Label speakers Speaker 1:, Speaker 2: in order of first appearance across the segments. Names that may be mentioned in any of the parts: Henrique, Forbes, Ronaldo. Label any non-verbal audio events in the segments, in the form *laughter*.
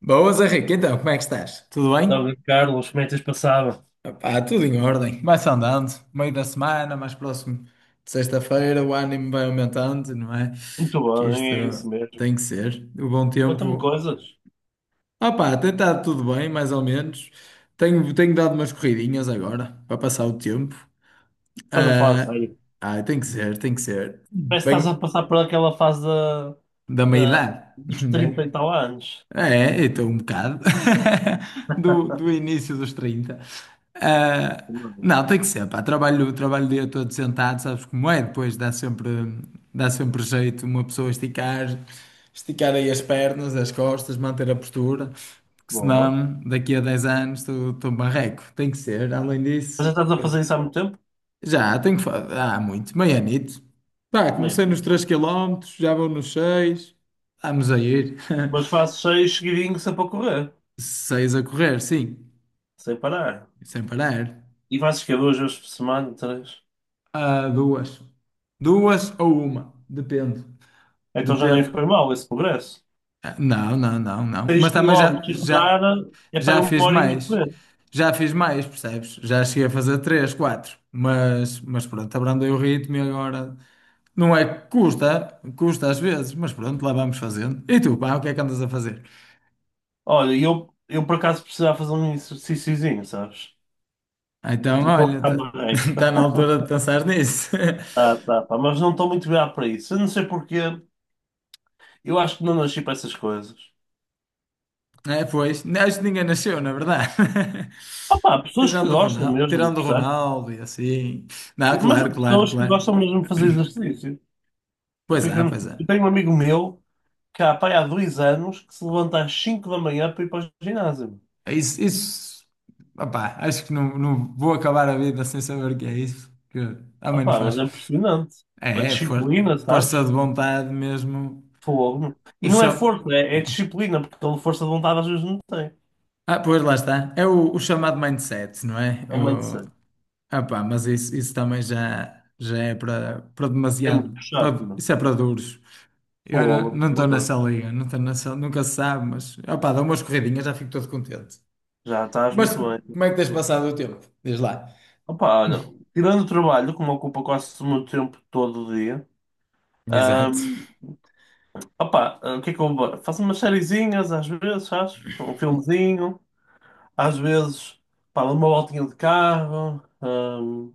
Speaker 1: Boas, Henrique. Então, como é que estás? Tudo bem?
Speaker 2: Dá-lhe, Carlos, como é que tens passado?
Speaker 1: Opá, tudo em ordem. Vai-se andando. Meio da semana, mais próximo de sexta-feira, o ânimo vai aumentando, não é?
Speaker 2: Muito
Speaker 1: Que isto
Speaker 2: bem, é isso mesmo.
Speaker 1: tem que ser. O bom
Speaker 2: Conta-me
Speaker 1: tempo.
Speaker 2: coisas.
Speaker 1: Opá, tem estado tudo bem, mais ou menos. Tenho dado umas corridinhas agora, para passar o tempo.
Speaker 2: Estás a falar
Speaker 1: Ah,
Speaker 2: sério.
Speaker 1: tem que ser, tem que ser.
Speaker 2: Parece que estás a
Speaker 1: Bem,
Speaker 2: passar por aquela fase da,
Speaker 1: da meia
Speaker 2: da-
Speaker 1: idade, *laughs*
Speaker 2: dos
Speaker 1: né?
Speaker 2: 30 e tal anos.
Speaker 1: É, então um bocado *laughs* do início dos 30. Ah,
Speaker 2: Não.
Speaker 1: não, tem que ser, pá. Trabalho o dia todo sentado, sabes como é? Depois dá sempre jeito uma pessoa esticar aí as pernas, as costas, manter a postura, porque
Speaker 2: Boa.
Speaker 1: senão daqui a 10 anos estou barreco. Tem que ser, além
Speaker 2: Mas já
Speaker 1: disso.
Speaker 2: estás a fazer isso há muito tempo?
Speaker 1: Já, tenho que fazer. Há muito, meio anito. Pá, comecei nos três
Speaker 2: Mesmo.
Speaker 1: quilómetros já vou nos seis. Vamos a ir.
Speaker 2: Mas
Speaker 1: *laughs*
Speaker 2: faço seis seguidinhos sempre a correr,
Speaker 1: Seis a correr, sim.
Speaker 2: sem parar.
Speaker 1: Sem parar.
Speaker 2: E fazes que duas vezes por semana, três.
Speaker 1: Ah, duas. Duas ou uma. Depende.
Speaker 2: Então já nem
Speaker 1: Depende.
Speaker 2: foi mal esse progresso.
Speaker 1: Ah, não, não, não, não.
Speaker 2: Seis
Speaker 1: Mas também já,
Speaker 2: quilómetros sem
Speaker 1: já,
Speaker 2: parar é para
Speaker 1: já
Speaker 2: uma
Speaker 1: fiz
Speaker 2: horinha a
Speaker 1: mais.
Speaker 2: correr.
Speaker 1: Já fiz mais, percebes? Já cheguei a fazer três, quatro. Mas pronto, abrandei o ritmo e agora. Não é que custa às vezes, mas pronto, lá vamos fazendo. E tu, pá, o que é que andas a fazer?
Speaker 2: Olha, e eu por acaso precisava fazer um exercíciozinho, sabes?
Speaker 1: Ah, então,
Speaker 2: Estou a
Speaker 1: olha,
Speaker 2: ficar marreco.
Speaker 1: está *laughs* na altura de pensar nisso. *laughs*
Speaker 2: Ah, tá, pá, mas não estou muito virado para isso. Eu não sei porquê. Eu acho que não nasci para essas coisas.
Speaker 1: É, pois, acho que ninguém nasceu, na verdade. *laughs*
Speaker 2: Ah, pá, há pessoas que gostam mesmo,
Speaker 1: Tirando o
Speaker 2: percebes?
Speaker 1: Ronaldo e assim. Não,
Speaker 2: Mas há
Speaker 1: claro, claro,
Speaker 2: pessoas que
Speaker 1: claro.
Speaker 2: gostam mesmo de fazer exercício. Eu,
Speaker 1: Pois
Speaker 2: fico-
Speaker 1: é, pois é.
Speaker 2: eu tenho um amigo meu que há, pá, há 2 anos que se levanta às 5 da manhã para ir para o ginásio.
Speaker 1: É isso, isso... Opá, acho que não vou acabar a vida sem saber o que é isso, que a
Speaker 2: Ah,
Speaker 1: mãe não
Speaker 2: pá, mas
Speaker 1: faz.
Speaker 2: é impressionante.
Speaker 1: É,
Speaker 2: A
Speaker 1: é for-
Speaker 2: disciplina,
Speaker 1: força
Speaker 2: sabes?
Speaker 1: de vontade mesmo.
Speaker 2: Fogo. E
Speaker 1: O
Speaker 2: não é
Speaker 1: cha-
Speaker 2: força, é disciplina, porque toda força de vontade às vezes não tem.
Speaker 1: Ah, pois lá está. É o chamado mindset, não é?
Speaker 2: É muito
Speaker 1: O...
Speaker 2: interessante.
Speaker 1: Ah, pá, mas isso também já é para
Speaker 2: É muito
Speaker 1: demasiado.
Speaker 2: puxado, meu.
Speaker 1: Isso é para duros. Eu não
Speaker 2: Fogo,
Speaker 1: não
Speaker 2: uma
Speaker 1: estou nessa
Speaker 2: coisa.
Speaker 1: liga, não estou nessa, nunca se sabe, mas opá, dou umas corridinhas, já fico todo contente.
Speaker 2: Já estás
Speaker 1: Mas
Speaker 2: muito bem.
Speaker 1: como é que tens passado o tempo? Diz lá.
Speaker 2: Opa, olha, tirando o trabalho, que me ocupa quase o meu tempo todo o dia,
Speaker 1: Exato,
Speaker 2: hum, opa, o que é que eu vou- faço umas sériezinhas às vezes, sabes? Um filmezinho, às vezes, pá, dou uma voltinha de carro,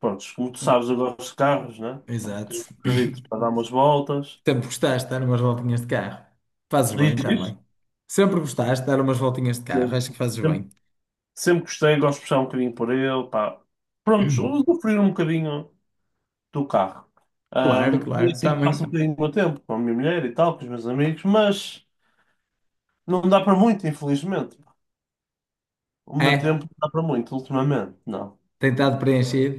Speaker 2: pronto, como tu sabes, eu gosto de carros, né?
Speaker 1: exato.
Speaker 2: Tenho um
Speaker 1: *coughs*
Speaker 2: carrito para dar
Speaker 1: *clears throat*
Speaker 2: umas voltas,
Speaker 1: Sempre gostaste de dar umas voltinhas de carro. Fazes
Speaker 2: diz
Speaker 1: bem também.
Speaker 2: isto,
Speaker 1: Sempre gostaste de dar umas voltinhas de carro, acho que
Speaker 2: sempre,
Speaker 1: fazes
Speaker 2: sempre,
Speaker 1: bem.
Speaker 2: sempre gostei, gosto de puxar um bocadinho por ele, pá, pronto, usufruir um bocadinho do carro.
Speaker 1: Claro,
Speaker 2: E é
Speaker 1: claro,
Speaker 2: assim que passo um
Speaker 1: também.
Speaker 2: bocadinho do meu tempo, com a minha mulher e tal, com os meus amigos, mas não dá para muito, infelizmente. O meu tempo
Speaker 1: É,
Speaker 2: não dá para muito, ultimamente, não.
Speaker 1: tem estado preenchido.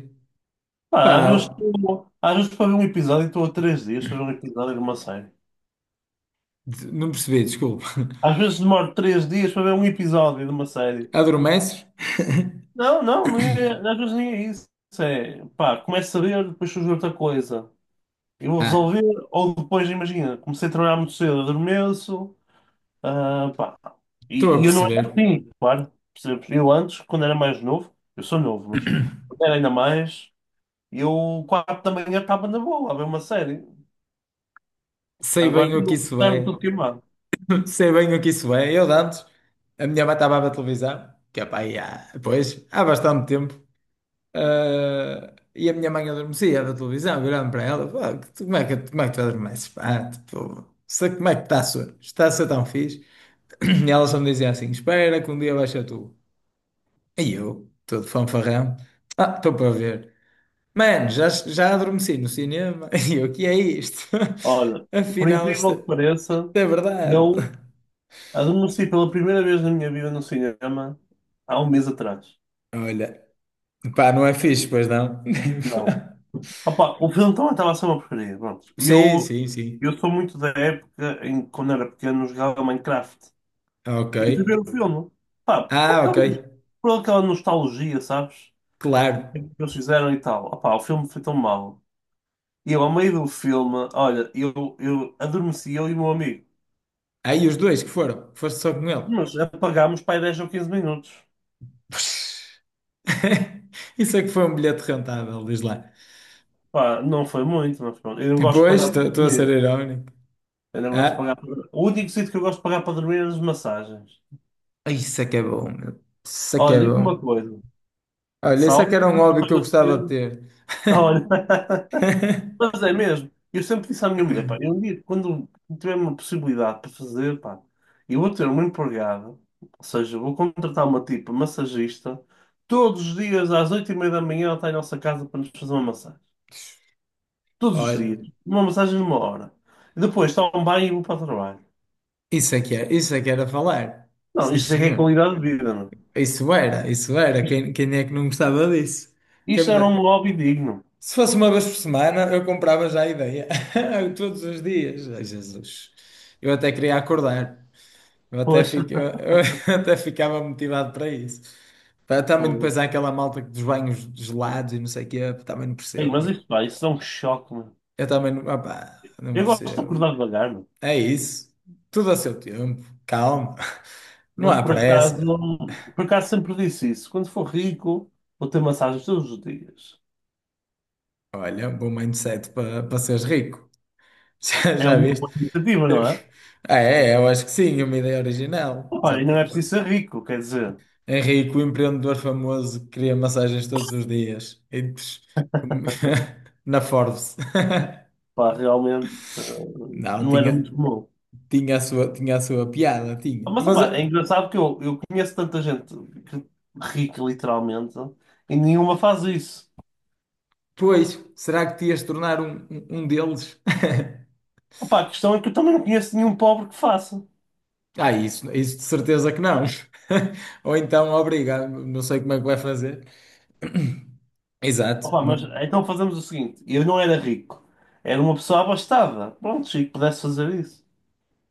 Speaker 2: Pá, às vezes,
Speaker 1: Pá,
Speaker 2: estou- às vezes para ver um episódio estou a 3 dias para ver um episódio de uma série.
Speaker 1: não percebi, desculpa.
Speaker 2: Às vezes demoro 3 dias para ver um episódio de uma série.
Speaker 1: *laughs* Adormeces? *laughs*
Speaker 2: Não, não, nem é- às vezes nem é isso. Isso é, pá, começo a ver, depois surge outra coisa. Eu vou resolver,
Speaker 1: Ah,
Speaker 2: ou depois, imagina, comecei a trabalhar muito cedo, adormeço. Ah, pá.
Speaker 1: estou a
Speaker 2: E eu não
Speaker 1: perceber.
Speaker 2: era assim, claro. Percebes? Eu antes, quando era mais novo, eu sou novo, mas quando era ainda mais, eu 4 da manhã estava na boa a ver uma série.
Speaker 1: Sei
Speaker 2: Agora
Speaker 1: bem o que isso
Speaker 2: está-me
Speaker 1: é.
Speaker 2: tudo queimado.
Speaker 1: Sei bem o que isso é. Eu de antes, a minha mãe estava a ver televisão, que é pá, aí há, pois, há bastante tempo. Ah, e a minha mãe adormecia a ver televisão, virando para ela, pá, como é que tu adormeces? Pá, tipo, sei como é que está a ser tão fixe. *clears throat* E ela só me dizia assim: espera que um dia vais ser tu. E eu, todo fanfarrão, ah, estou para ver. Mano, já, já adormeci no cinema. *laughs* E eu, o que é isto?
Speaker 2: Olha,
Speaker 1: *laughs*
Speaker 2: por
Speaker 1: Afinal, isto é,
Speaker 2: incrível que
Speaker 1: isto
Speaker 2: pareça,
Speaker 1: é verdade.
Speaker 2: eu adormeci pela primeira vez na minha vida no cinema há um mês atrás.
Speaker 1: Olha. Pá, não é fixe, pois não?
Speaker 2: Não.
Speaker 1: *laughs*
Speaker 2: Opa, o filme também estava a ser uma porcaria. Pronto. E
Speaker 1: Sim,
Speaker 2: Eu,
Speaker 1: sim, sim.
Speaker 2: eu sou muito da época em que, quando era pequeno, jogava Minecraft.
Speaker 1: Ok.
Speaker 2: E fui ver o filme. Pá, por
Speaker 1: Ah,
Speaker 2: aquela,
Speaker 1: ok.
Speaker 2: por aquela nostalgia, sabes? O que
Speaker 1: Claro.
Speaker 2: eles fizeram e tal. Opá, o filme foi tão mau. E eu, ao meio do filme, olha, eu adormeci, eu e o meu amigo.
Speaker 1: Aí os dois que foram. Foste só com ele.
Speaker 2: Mas apagámos para aí 10 ou 15 minutos.
Speaker 1: Puxa. *laughs* Isso é que foi um bilhete rentável, diz lá.
Speaker 2: Pá, não foi muito, mas pronto. Eu não gosto de
Speaker 1: Pois,
Speaker 2: pagar para
Speaker 1: estou a ser
Speaker 2: dormir.
Speaker 1: irónico.
Speaker 2: Eu não
Speaker 1: Ah,
Speaker 2: gosto de pagar para... O único sítio que eu gosto de pagar para dormir é as massagens.
Speaker 1: isso é que é bom, meu. Isso é que
Speaker 2: Olha,
Speaker 1: é
Speaker 2: digo-te uma
Speaker 1: bom.
Speaker 2: coisa.
Speaker 1: Olha, isso é que era
Speaker 2: Salve,
Speaker 1: um hobby que eu gostava de
Speaker 2: *laughs*
Speaker 1: ter.
Speaker 2: olha. *laughs*
Speaker 1: *laughs*
Speaker 2: Mas é mesmo. Eu sempre disse à minha mulher, pá, eu um dia, quando tiver uma possibilidade para fazer, pá, eu vou ter uma empregada, ou seja, vou contratar uma tipo massagista, todos os dias às 8h30 da manhã ela está em nossa casa para nos fazer uma massagem. Todos os dias.
Speaker 1: Olha,
Speaker 2: Uma massagem de uma hora. E depois tomo um banho e vou para o trabalho.
Speaker 1: isso é que era, isso é que era falar.
Speaker 2: Não,
Speaker 1: Sim,
Speaker 2: isto é que é
Speaker 1: senhor.
Speaker 2: qualidade de vida, não é?
Speaker 1: Isso era, isso era.
Speaker 2: Isto,
Speaker 1: Quem, quem é que não gostava disso? Quem
Speaker 2: isto
Speaker 1: me
Speaker 2: era um
Speaker 1: dá?
Speaker 2: hobby digno.
Speaker 1: Se fosse uma vez por semana, eu comprava já a ideia. *laughs* Todos os dias. Ai, Jesus. Eu até queria acordar. Eu até,
Speaker 2: Pois,
Speaker 1: fico, eu *laughs* até ficava motivado para isso. Pá, também
Speaker 2: fogo.
Speaker 1: depois há aquela malta que dos banhos gelados e não sei o quê. Também não
Speaker 2: Ei,
Speaker 1: percebo,
Speaker 2: mas
Speaker 1: meu.
Speaker 2: isto, pá, isso é um choque, mano.
Speaker 1: Eu também não, opá, não
Speaker 2: Eu gosto de
Speaker 1: percebo.
Speaker 2: acordar devagar, mano.
Speaker 1: É isso. Tudo a seu tempo. Calma. *laughs* Não
Speaker 2: Mas
Speaker 1: há
Speaker 2: por acaso,
Speaker 1: pressa.
Speaker 2: por acaso sempre disse isso. Quando for rico, vou ter massagens todos os dias.
Speaker 1: Olha, um bom mindset para seres rico. *laughs* Já,
Speaker 2: É
Speaker 1: já
Speaker 2: uma
Speaker 1: viste?
Speaker 2: boa iniciativa, não é?
Speaker 1: *laughs* Ah, é, eu acho que sim, uma ideia original. Já,
Speaker 2: Opa, e não é preciso ser rico, quer dizer,
Speaker 1: Henrique, o empreendedor famoso, cria massagens todos os dias. Com- *laughs* Na Forbes. *laughs*
Speaker 2: pá, realmente
Speaker 1: Não,
Speaker 2: não era muito
Speaker 1: tinha,
Speaker 2: comum.
Speaker 1: tinha a sua piada, tinha.
Speaker 2: Mas
Speaker 1: Mas,
Speaker 2: opa, é engraçado que eu conheço tanta gente que- rica, literalmente, e nenhuma faz isso.
Speaker 1: pois, será que te ias tornar um deles? *laughs*
Speaker 2: Opa, a questão é que eu também não conheço nenhum pobre que faça.
Speaker 1: Ah, isso de certeza que não. *laughs* Ou então, obrigado, não sei como é que vai fazer. *clears throat* Exato.
Speaker 2: Opa, mas então fazemos o seguinte: eu não era rico, era uma pessoa abastada. Pronto, se pudesse fazer isso.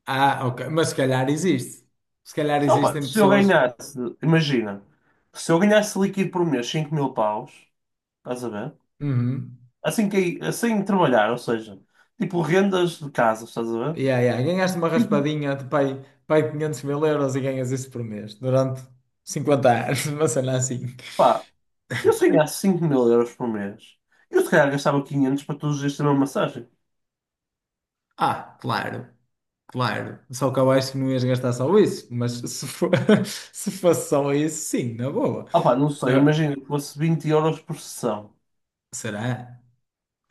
Speaker 1: Ah, ok. Mas se calhar existe. Se calhar
Speaker 2: Só, pá,
Speaker 1: existem
Speaker 2: se eu
Speaker 1: pessoas.
Speaker 2: ganhasse, imagina, se eu ganhasse líquido por mês 5 mil paus, estás a ver?
Speaker 1: Uhum.
Speaker 2: Assim que, assim trabalhar, ou seja, tipo rendas de casa, estás a ver?
Speaker 1: Yeah, yeah. Ganhaste uma
Speaker 2: Tipo,
Speaker 1: raspadinha de pai 500 mil euros e ganhas isso por mês durante 50 anos, *laughs* uma cena assim.
Speaker 2: pá, eu se ganhasse 5 mil euros por mês, eu se calhar gastava 500 para todos os dias ter uma massagem.
Speaker 1: Ah, claro, claro. Só que eu acho que não ias gastar só isso, mas se for, *laughs* se fosse só isso, sim, na boa.
Speaker 2: Ah pá, não sei,
Speaker 1: Ah,
Speaker 2: imagina que fosse 20 € por sessão.
Speaker 1: será?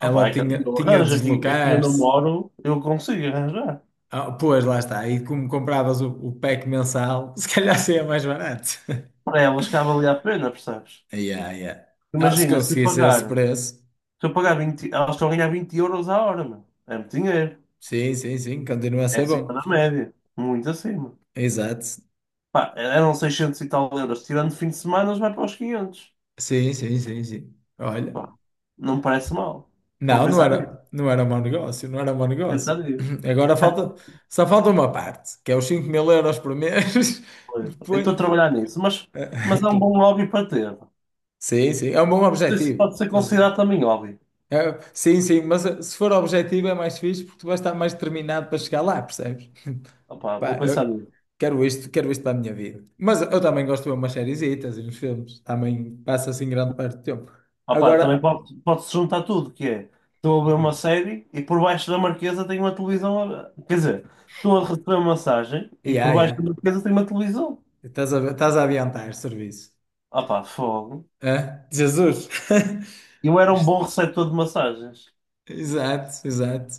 Speaker 2: Ah pá, é que
Speaker 1: tinha,
Speaker 2: eu
Speaker 1: tinha de
Speaker 2: arranjo aqui onde eu
Speaker 1: deslocar-se.
Speaker 2: moro, eu consigo arranjar.
Speaker 1: Ah, pois, lá está. E como compravas o pack mensal, *laughs* se calhar seria mais barato. *laughs*
Speaker 2: Para elas cabe ali a pena, percebes?
Speaker 1: Yeah, yeah. Ah, se
Speaker 2: Imagina, se eu
Speaker 1: conseguisse esse
Speaker 2: pagar.
Speaker 1: preço,
Speaker 2: Se eu pagar 20 elas estão a ganhar 20 € a hora, meu. É muito dinheiro.
Speaker 1: sim, sim, sim, continua a
Speaker 2: É
Speaker 1: ser
Speaker 2: acima
Speaker 1: bom.
Speaker 2: da média. Muito acima.
Speaker 1: Exato.
Speaker 2: Pá, eram 600 e tal euros. Tirando fim de semana, vai para os 500.
Speaker 1: Sim, sim, sim, sim. Olha,
Speaker 2: Pá, não me parece mal. Vou
Speaker 1: não, não
Speaker 2: pensar nisso. vou
Speaker 1: era, não era mau negócio, não era mau
Speaker 2: Pensar
Speaker 1: negócio.
Speaker 2: nisso.
Speaker 1: *clears throat* Agora falta, só falta uma parte, que é os 5000 euros por mês. *laughs*
Speaker 2: Pois. Eu estou a
Speaker 1: Depois de...
Speaker 2: trabalhar nisso, mas é um
Speaker 1: *laughs*
Speaker 2: bom hobby para ter. Não
Speaker 1: Sim, sim, é um bom
Speaker 2: sei se
Speaker 1: objetivo.
Speaker 2: pode ser considerado também hobby.
Speaker 1: É, sim, sim, mas eh, se for objetivo é mais fixe porque tu vais estar mais determinado para chegar lá, percebes?
Speaker 2: Opá, vou
Speaker 1: Pá,
Speaker 2: pensar
Speaker 1: eu
Speaker 2: nisso.
Speaker 1: quero isto para a minha vida. Mas eu também gosto de ver umas sériezitas e uns filmes, também passa assim grande parte do tempo.
Speaker 2: Opa, também
Speaker 1: Agora,
Speaker 2: pode-se juntar tudo, que é, estou a ver uma série e por baixo da marquesa tem uma televisão, quer dizer, estou a receber uma massagem e
Speaker 1: yeah,
Speaker 2: por baixo da
Speaker 1: yeah.
Speaker 2: marquesa tem uma televisão.
Speaker 1: Estás a adiantar serviço.
Speaker 2: Opa, fogo.
Speaker 1: Hã? Jesus! *laughs*
Speaker 2: Eu era um bom receptor de massagens.
Speaker 1: Exato, exato.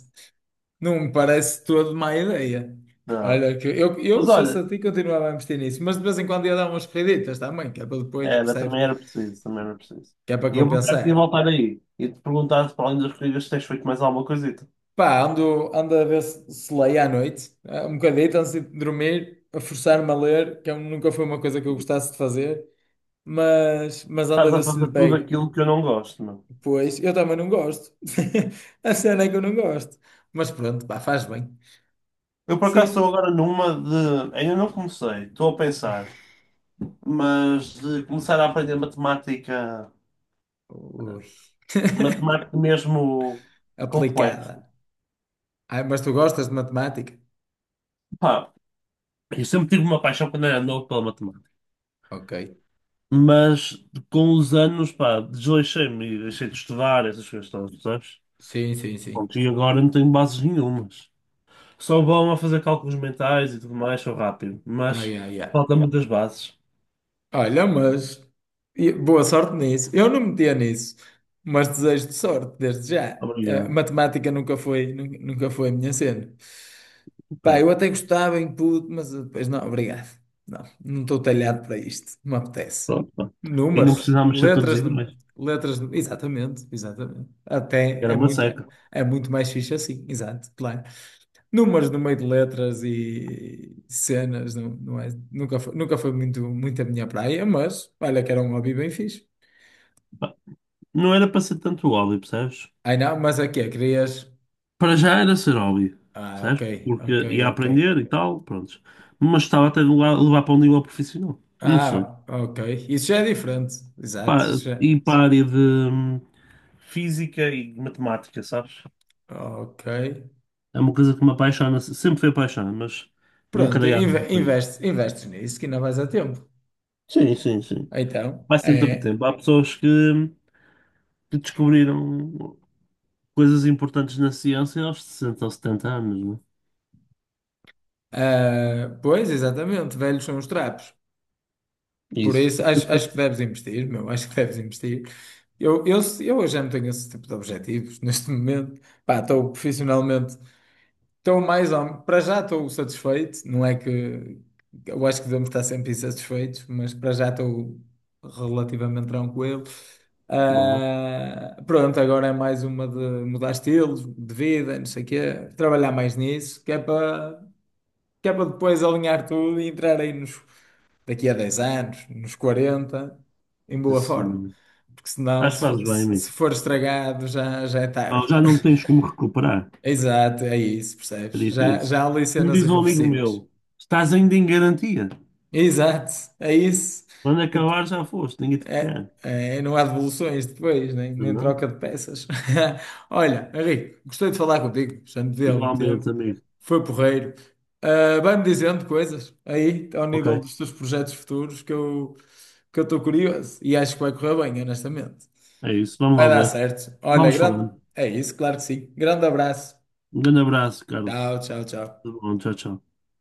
Speaker 1: Não me parece todo má ideia.
Speaker 2: Não.
Speaker 1: Olha, que eu
Speaker 2: Mas
Speaker 1: se fosse a
Speaker 2: olha,
Speaker 1: ti continuava a investir nisso, mas de vez em quando ia dar umas corriditas também, que é para depois,
Speaker 2: era,
Speaker 1: percebes?
Speaker 2: também era preciso, também era preciso.
Speaker 1: Que é para
Speaker 2: E eu por acaso
Speaker 1: compensar.
Speaker 2: ia voltar aí e te perguntar para além das corridas se tens feito mais alguma coisita.
Speaker 1: Pá, ando, ando a ver se leio à noite, eh, um bocadito antes de dormir, a forçar-me a ler, que eu nunca foi uma coisa que eu gostasse de fazer, mas ando a
Speaker 2: Estás
Speaker 1: ver
Speaker 2: a
Speaker 1: se lhe
Speaker 2: fazer tudo
Speaker 1: pego.
Speaker 2: aquilo que eu não gosto, meu.
Speaker 1: Pois, eu também não gosto. *laughs* A cena é que eu não gosto. Mas pronto, pá, faz bem.
Speaker 2: Eu por acaso estou
Speaker 1: Sim.
Speaker 2: agora numa de. Ainda não comecei, estou a pensar. Mas de começar a aprender matemática,
Speaker 1: Ui. *laughs*
Speaker 2: matemática mesmo complexa.
Speaker 1: Aplicada. Ai, mas tu gostas de matemática?
Speaker 2: Pá, eu sempre tive uma paixão quando era novo pela matemática,
Speaker 1: Ok.
Speaker 2: mas com os anos, pá, desleixei-me e deixei de estudar essas coisas todas, sabes?
Speaker 1: Sim, sim, sim.
Speaker 2: Pronto, e agora não tenho bases nenhumas. Sou bom a fazer cálculos mentais e tudo mais, sou rápido,
Speaker 1: Ai,
Speaker 2: mas
Speaker 1: ai, ai.
Speaker 2: falta muitas bases.
Speaker 1: Olha, mas boa sorte nisso. Eu não metia nisso, mas desejo-te sorte desde já. Eh,
Speaker 2: Obrigado.
Speaker 1: matemática nunca foi a minha cena. Pá,
Speaker 2: Pá,
Speaker 1: eu até gostava em puto, mas depois não, obrigado. Não, não estou talhado para isto, não me apetece.
Speaker 2: pronto, pá. E não
Speaker 1: Números,
Speaker 2: precisávamos ser todos
Speaker 1: letras,
Speaker 2: iguais,
Speaker 1: exatamente, exatamente. Até
Speaker 2: era uma seca.
Speaker 1: é muito mais fixe assim, exato, claro. Números no meio de letras e cenas, não, não é, nunca foi muito, muito a minha praia, mas olha que era um hobby bem fixe.
Speaker 2: Pá, não era para ser tanto óleo, percebes?
Speaker 1: Ai não, mas aqui é, que é, querias.
Speaker 2: Para já era ser hobby,
Speaker 1: Ah, ok,
Speaker 2: certo? Porque
Speaker 1: ok,
Speaker 2: ia
Speaker 1: ok.
Speaker 2: aprender e tal, pronto. Mas estava até a levar para um nível profissional. Não sei.
Speaker 1: Ah, ok. Isso já é diferente. Exato.
Speaker 2: Pá,
Speaker 1: Isso já...
Speaker 2: e para a área de física e matemática, sabes?
Speaker 1: Ok.
Speaker 2: É uma coisa que me apaixona, sempre foi apaixonada, mas nunca
Speaker 1: Pronto,
Speaker 2: dei asa para isso.
Speaker 1: investes nisso que ainda vais a tempo.
Speaker 2: Sim, sim, sim.
Speaker 1: Então,
Speaker 2: Vai sempre a
Speaker 1: é.
Speaker 2: tempo. Há pessoas que descobriram coisas importantes na ciência aos 60 ou 70 anos, não é?
Speaker 1: Ah, pois, exatamente, velhos são os trapos. Por
Speaker 2: Isso.
Speaker 1: isso, acho que deves investir, meu, acho que deves investir. Eu já não tenho esse tipo de objetivos *laughs* neste momento. Pá, estou profissionalmente. Estou mais ou... Para já estou satisfeito, não é que eu acho que devemos estar sempre insatisfeitos, mas para já estou relativamente tranquilo.
Speaker 2: Bom,
Speaker 1: Ah, pronto, agora é mais uma de mudar estilos de vida, não sei o quê, trabalhar mais nisso, que é para depois alinhar tudo e entrar aí nos, daqui a 10 anos, nos 40, em boa forma.
Speaker 2: assim,
Speaker 1: Porque senão,
Speaker 2: acho que
Speaker 1: se
Speaker 2: fazes
Speaker 1: for,
Speaker 2: bem,
Speaker 1: se
Speaker 2: amigo.
Speaker 1: for estragado, já é
Speaker 2: Ah,
Speaker 1: tarde.
Speaker 2: Já não tens como recuperar.
Speaker 1: Exato, é isso,
Speaker 2: É
Speaker 1: percebes? Já,
Speaker 2: difícil.
Speaker 1: já há ali
Speaker 2: Como
Speaker 1: cenas
Speaker 2: diz um amigo
Speaker 1: irreversíveis.
Speaker 2: meu, estás ainda em garantia.
Speaker 1: Exato, é isso.
Speaker 2: Quando
Speaker 1: Dep-
Speaker 2: acabar já foste, ninguém te
Speaker 1: É,
Speaker 2: quer.
Speaker 1: é, não há devoluções depois, nem,
Speaker 2: Mas
Speaker 1: nem
Speaker 2: não?
Speaker 1: troca de peças. *laughs* Olha, Henrique, gostei de falar contigo, já me vi há algum
Speaker 2: Igualmente,
Speaker 1: tempo,
Speaker 2: amigo.
Speaker 1: foi porreiro. Ah, vai-me dizendo coisas aí, ao
Speaker 2: Ok,
Speaker 1: nível dos teus projetos futuros, que eu estou curioso e acho que vai correr bem, honestamente.
Speaker 2: é isso. Vamos
Speaker 1: Vai
Speaker 2: lá
Speaker 1: dar
Speaker 2: ver.
Speaker 1: certo. Olha,
Speaker 2: Vamos
Speaker 1: grande.
Speaker 2: falando.
Speaker 1: É isso, claro que sim. Grande abraço.
Speaker 2: Um grande abraço, Carlos.
Speaker 1: Tchau, tchau, tchau.
Speaker 2: Tudo bom, tchau, tchau.